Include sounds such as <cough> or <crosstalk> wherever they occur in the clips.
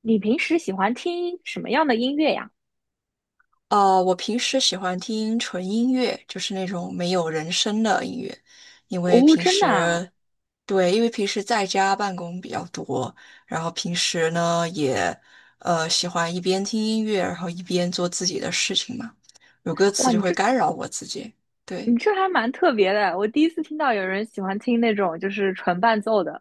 你平时喜欢听什么样的音乐呀？哦，我平时喜欢听纯音乐，就是那种没有人声的音乐。因为哦，平真的啊，时，对，因为平时在家办公比较多，然后平时呢也，喜欢一边听音乐，然后一边做自己的事情嘛，有歌哇，词就你会这干扰我自己。对。你这还蛮特别的，我第一次听到有人喜欢听那种就是纯伴奏的。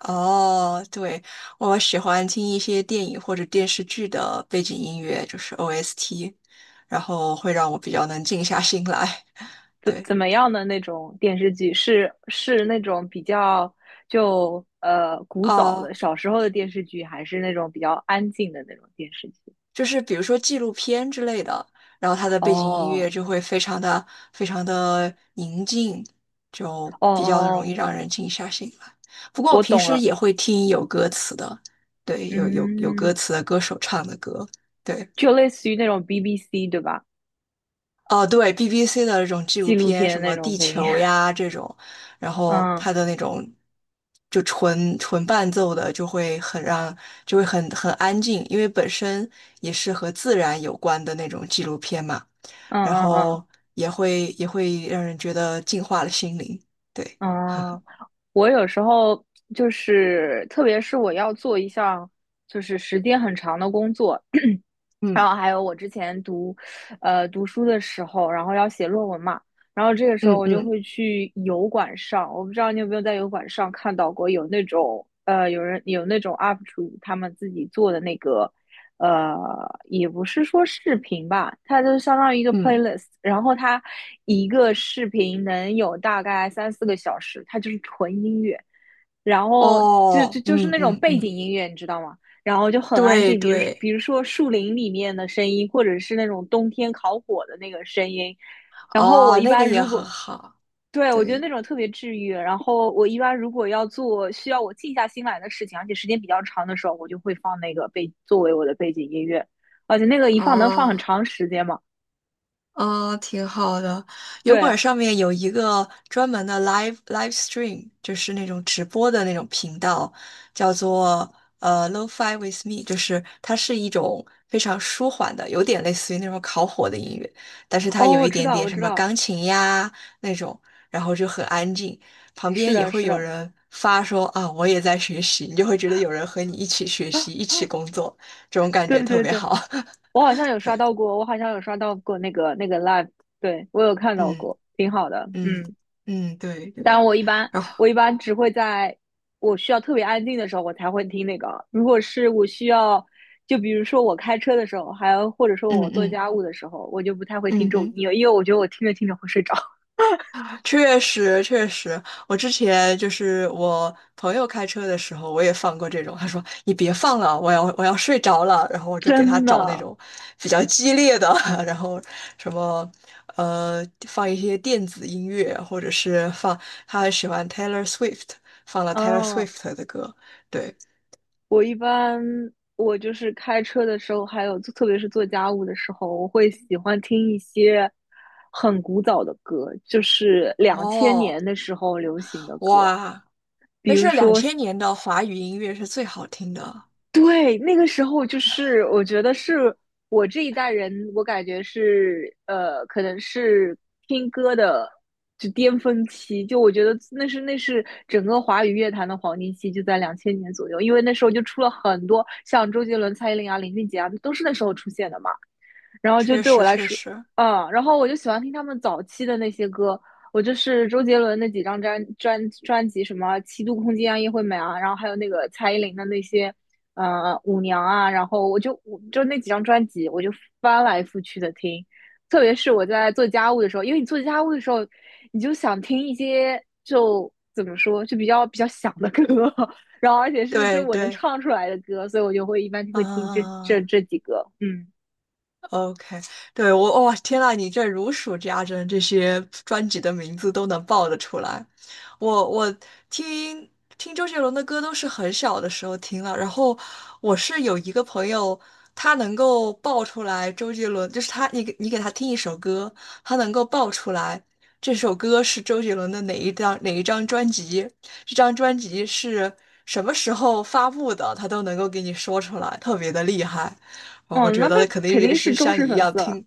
哦，对，我喜欢听一些电影或者电视剧的背景音乐，就是 OST，然后会让我比较能静下心来。怎对。怎么样的那种电视剧？是那种比较就古早哦，的小时候的电视剧，还是那种比较安静的那种电视剧？就是比如说纪录片之类的，然后它的背景音哦乐就会非常的宁静，就哦比较容哦，易让人静下心来。不过我我平懂时了，也会听有歌词的，对，有嗯，歌词的歌手唱的歌，对。就类似于那种 BBC 对吧？哦，对，BBC 的这种纪录纪录片，片什那么种地配音，球呀这种，然 <laughs> 后嗯它的那种就纯纯伴奏的，就会很让，就会很安静，因为本身也是和自然有关的那种纪录片嘛，嗯然嗯嗯后也会让人觉得净化了心灵。对，嗯。我有时候就是，特别是我要做一项就是时间很长的工作，然嗯后还有我之前读书的时候，然后要写论文嘛。然后这个时候嗯我就嗯会去油管上，我不知道你有没有在油管上看到过有那种，有人有那种 UP 主他们自己做的那个，呃，也不是说视频吧，它就相当于一个 嗯，playlist，然后它一个视频能有大概三四个小时，它就是纯音乐。然后就就哦，就是嗯那种嗯背景嗯，音乐，你知道吗？然后就很安对静，比如对，比如说树林里面的声音，或者是那种冬天烤火的那个声音。然后我哦，一那个般也如很果好，对，我觉得对，那种特别治愈。然后我一般如果要做需要我静下心来的事情，而且时间比较长的时候，我就会放那个作为我的背景音乐，而且那个一放能放很啊。长时间嘛。嗯，挺好的。油对，管上面有一个专门的 live stream，就是那种直播的那种频道，叫做Lo-Fi with Me，就是它是一种非常舒缓的，有点类似于那种烤火的音乐，但是它哦，有我一知点道，点我什知么道，钢琴呀那种，然后就很安静，旁是边也的，会是有的，人发说啊我也在学习，你就会觉得有人和你一起学习，一起工作，这种感对觉特对别对。好。<laughs> 我好像有刷到过那个 live，对，我有看到嗯。过，挺好的，嗯嗯。嗯，对但对，我一般然后我一般只会在我需要特别安静的时候，我才会听那个。如果是我需要，就比如说我开车的时候，还有或者说嗯我做嗯家务的时候，我就不太会听嗯这种嗯，音乐，因为我觉得我听着听着会睡着，确实确实，我之前就是我朋友开车的时候，我也放过这种，他说你别放了，我要睡着了，然后我 <laughs> 就给他真找那的，种比较激烈的，<laughs> 然后什么放一些电子音乐，或者是放他喜欢 Taylor Swift，放了 Taylor 嗯。Swift 的歌，对，我一般我就是开车的时候，还有特别是做家务的时候，我会喜欢听一些很古早的歌，就是两千哦，年的时候流行的歌，哇，比但如是两说千年的华语音乐是最好听的。对，那个时候就是我觉得是我这一代人，我感觉是可能是听歌的就巅峰期，就我觉得那是整个华语乐坛的黄金期，就在两千年左右，因为那时候就出了很多像周杰伦、蔡依林啊、林俊杰啊，都是那时候出现的嘛。然后就确对我实来确说，实，嗯，然后我就喜欢听他们早期的那些歌。我就是周杰伦那几张专辑，什么《七度空间》啊、叶惠美啊，然后还有那个蔡依林的那些，呃，舞娘啊。然后我就那几张专辑，我就翻来覆去的听，特别是我在做家务的时候，因为你做家务的时候，你就想听一些，就怎么说，就比较响的歌，<laughs> 然后而且是就对是我能对，唱出来的歌，所以我就会一般就会听这这啊、这几个，嗯。OK，对我哇、天呐，你这如数家珍，这些专辑的名字都能报得出来。我听听周杰伦的歌都是很小的时候听了，然后我是有一个朋友，他能够报出来周杰伦，就是他你给他听一首歌，他能够报出来这首歌是周杰伦的哪一张哪一张专辑，这张专辑是什么时候发布的，他都能够给你说出来，特别的厉害。哦，我哦，觉那他得肯定肯也定是是忠像你实一粉样丝了。听，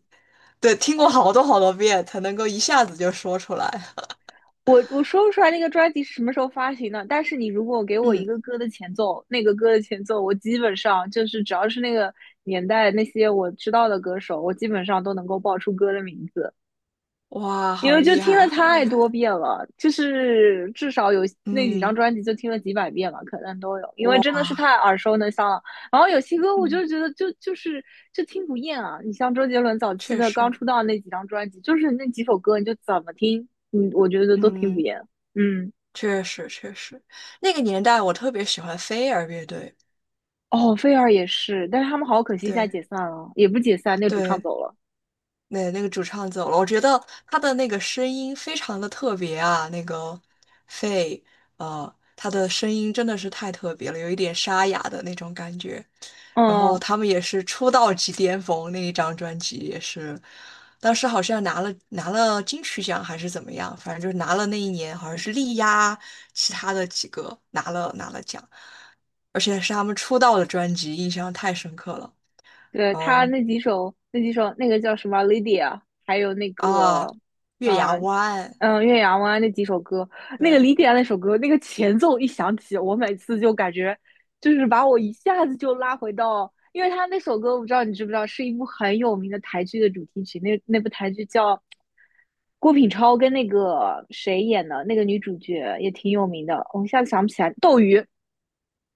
对，听过好多好多遍才能够一下子就说出来。我说不出来那个专辑是什么时候发行的，但是你如果给我一嗯，个歌的前奏，那个歌的前奏，我基本上就是只要是那个年代那些我知道的歌手，我基本上都能够报出歌的名字。哇，因好为就厉听害，了好厉太害。多遍了，就是至少有那几张嗯，专辑就听了几百遍了，可能都有，因为真的是太哇，耳熟能详了。然后有些歌我嗯，就觉得就是就听不厌啊，你像周杰伦早期确的刚实，出道那几张专辑，就是那几首歌你就怎么听，嗯，我觉得都听不嗯，厌。嗯，确实确实，那个年代我特别喜欢飞儿乐队，哦，菲儿也是，但是他们好可惜现在对解散了，也不解散，那个主唱对，走了。那那个主唱走了，我觉得他的那个声音非常的特别啊，那个飞，他的声音真的是太特别了，有一点沙哑的那种感觉。然后嗯，他们也是出道即巅峰，那一张专辑也是，当时好像拿了金曲奖还是怎么样，反正就是拿了那一年好像是力压其他的几个拿了奖，而且是他们出道的专辑，印象太深刻了。对，然他后那几首，那几首，那个叫什么《Lydia》，还有那啊，个，月牙嗯湾，嗯，《岳阳湾》那几首歌。那个对，《Lydia》那首歌，那个前奏一响起，我每次就感觉，就是把我一下子就拉回到，因为他那首歌，我不知道你知不知道，是一部很有名的台剧的主题曲。那部台剧叫郭品超跟那个谁演的，那个女主角也挺有名的，我一下子想不起来，斗鱼，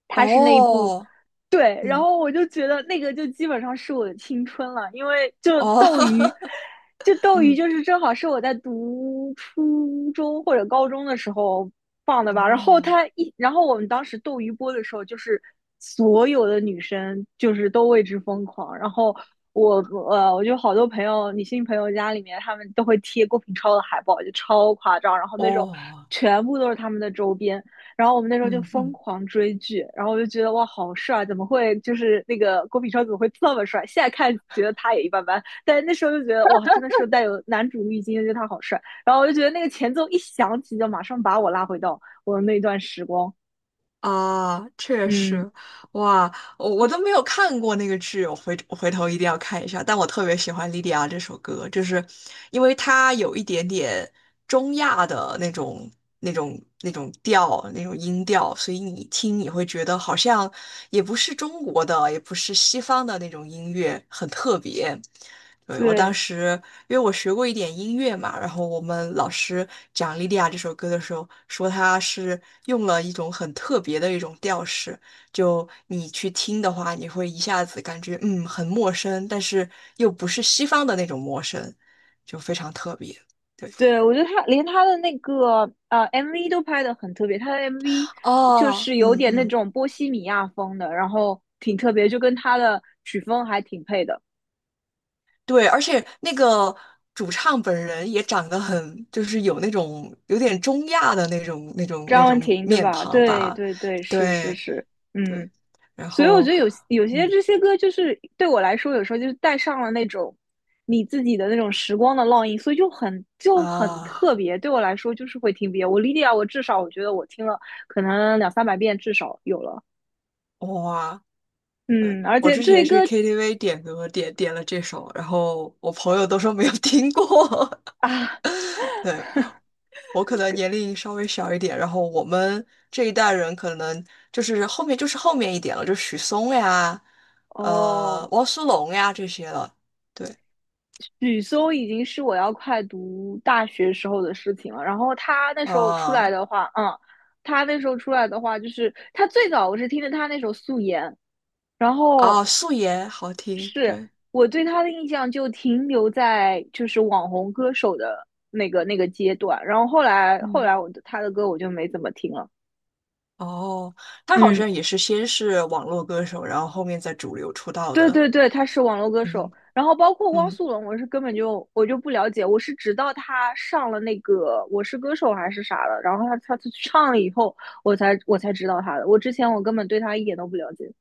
她是那一部。哦，对，然嗯，后我就觉得那个就基本上是我的青春了，因为就哦，斗鱼，<laughs> 就斗鱼嗯，就是正好是我在读初中或者高中的时候放的吧。然后哦，它一，然后我们当时斗鱼播的时候，就是所有的女生就是都为之疯狂。然后我我就好多朋友，女性朋友家里面，他们都会贴郭品超的海报，就超夸张。然后那时候哦，全部都是他们的周边。然后我们那时候就嗯疯嗯。狂追剧，然后我就觉得哇，好帅！怎么会就是那个郭品超怎么会这么帅？现在看觉得他也一般般，但是那时候就觉得哇，真的是带有男主滤镜，就觉得他好帅。然后我就觉得那个前奏一响起，就马上把我拉回到我的那段时光。啊，确嗯，实，哇，我都没有看过那个剧，我回头一定要看一下。但我特别喜欢《莉迪亚》这首歌，就是因为它有一点点中亚的那种调、那种音调，所以你听你会觉得好像也不是中国的，也不是西方的那种音乐，很特别。对，我当对时，因为我学过一点音乐嘛，然后我们老师讲《莉莉娅》这首歌的时候，说它是用了一种很特别的一种调式，就你去听的话，你会一下子感觉嗯很陌生，但是又不是西方的那种陌生，就非常特别。对，我觉得他连他的那个MV 都拍的很特别，他的 MV 就哦，是有嗯点那嗯，种波西米亚风的，然后挺特别，就跟他的曲风还挺配的。对，而且那个主唱本人也长得很，就是有那种有点中亚的那张文种婷对面吧？庞对吧，对对，是是对。是，对，嗯。然所以我觉后得有些这些歌就是对我来说，有时候就是带上了那种你自己的那种时光的烙印，所以就很啊，特别。对我来说，就是会听遍。我莉莉娅，我至少我觉得我听了可能两三百遍，至少有了。哇，对嗯，而我且之这些前歌去 KTV 点歌，点了这首，然后我朋友都说没有听过。啊，<laughs> 对，我可能年龄稍微小一点，然后我们这一代人可能就是后面一点了，就许嵩呀，哦，汪苏泷呀这些了。对，许嵩已经是我要快读大学时候的事情了。然后他那时候出来呃，的话，他那时候出来的话，就是他最早我是听着他那首《素颜》，然啊，后哦素颜好听，是对，我对他的印象就停留在就是网红歌手的那个阶段。然后后来后嗯。来他的歌我就没怎么听了。哦，他好嗯，像也是先是网络歌手，然后后面在主流出道对的。对对，他是网络歌手。嗯。然后包括汪嗯，苏泷，我是根本就我就不了解，我是直到他上了那个《我是歌手》还是啥的，然后他去唱了以后，我才知道他的。我之前我根本对他一点都不了解，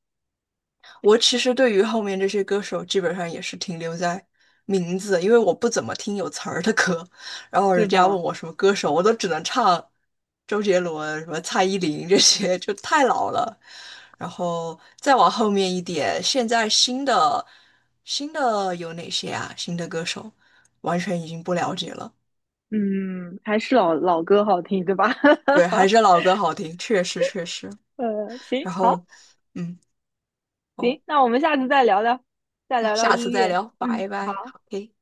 我其实对于后面这些歌手基本上也是停留在名字，因为我不怎么听有词儿的歌。然后对人家问吧？我什么歌手，我都只能唱周杰伦、什么蔡依林这些，就太老了。然后再往后面一点，现在新的有哪些啊？新的歌手完全已经不了解了。嗯，还是老歌好听，对吧？对，还 <laughs> 是老歌好听，确实确实。行，然好，后，嗯，哦，行，那我们下次再聊聊，再那聊聊下次音再乐。聊，嗯，拜拜好。好，OK。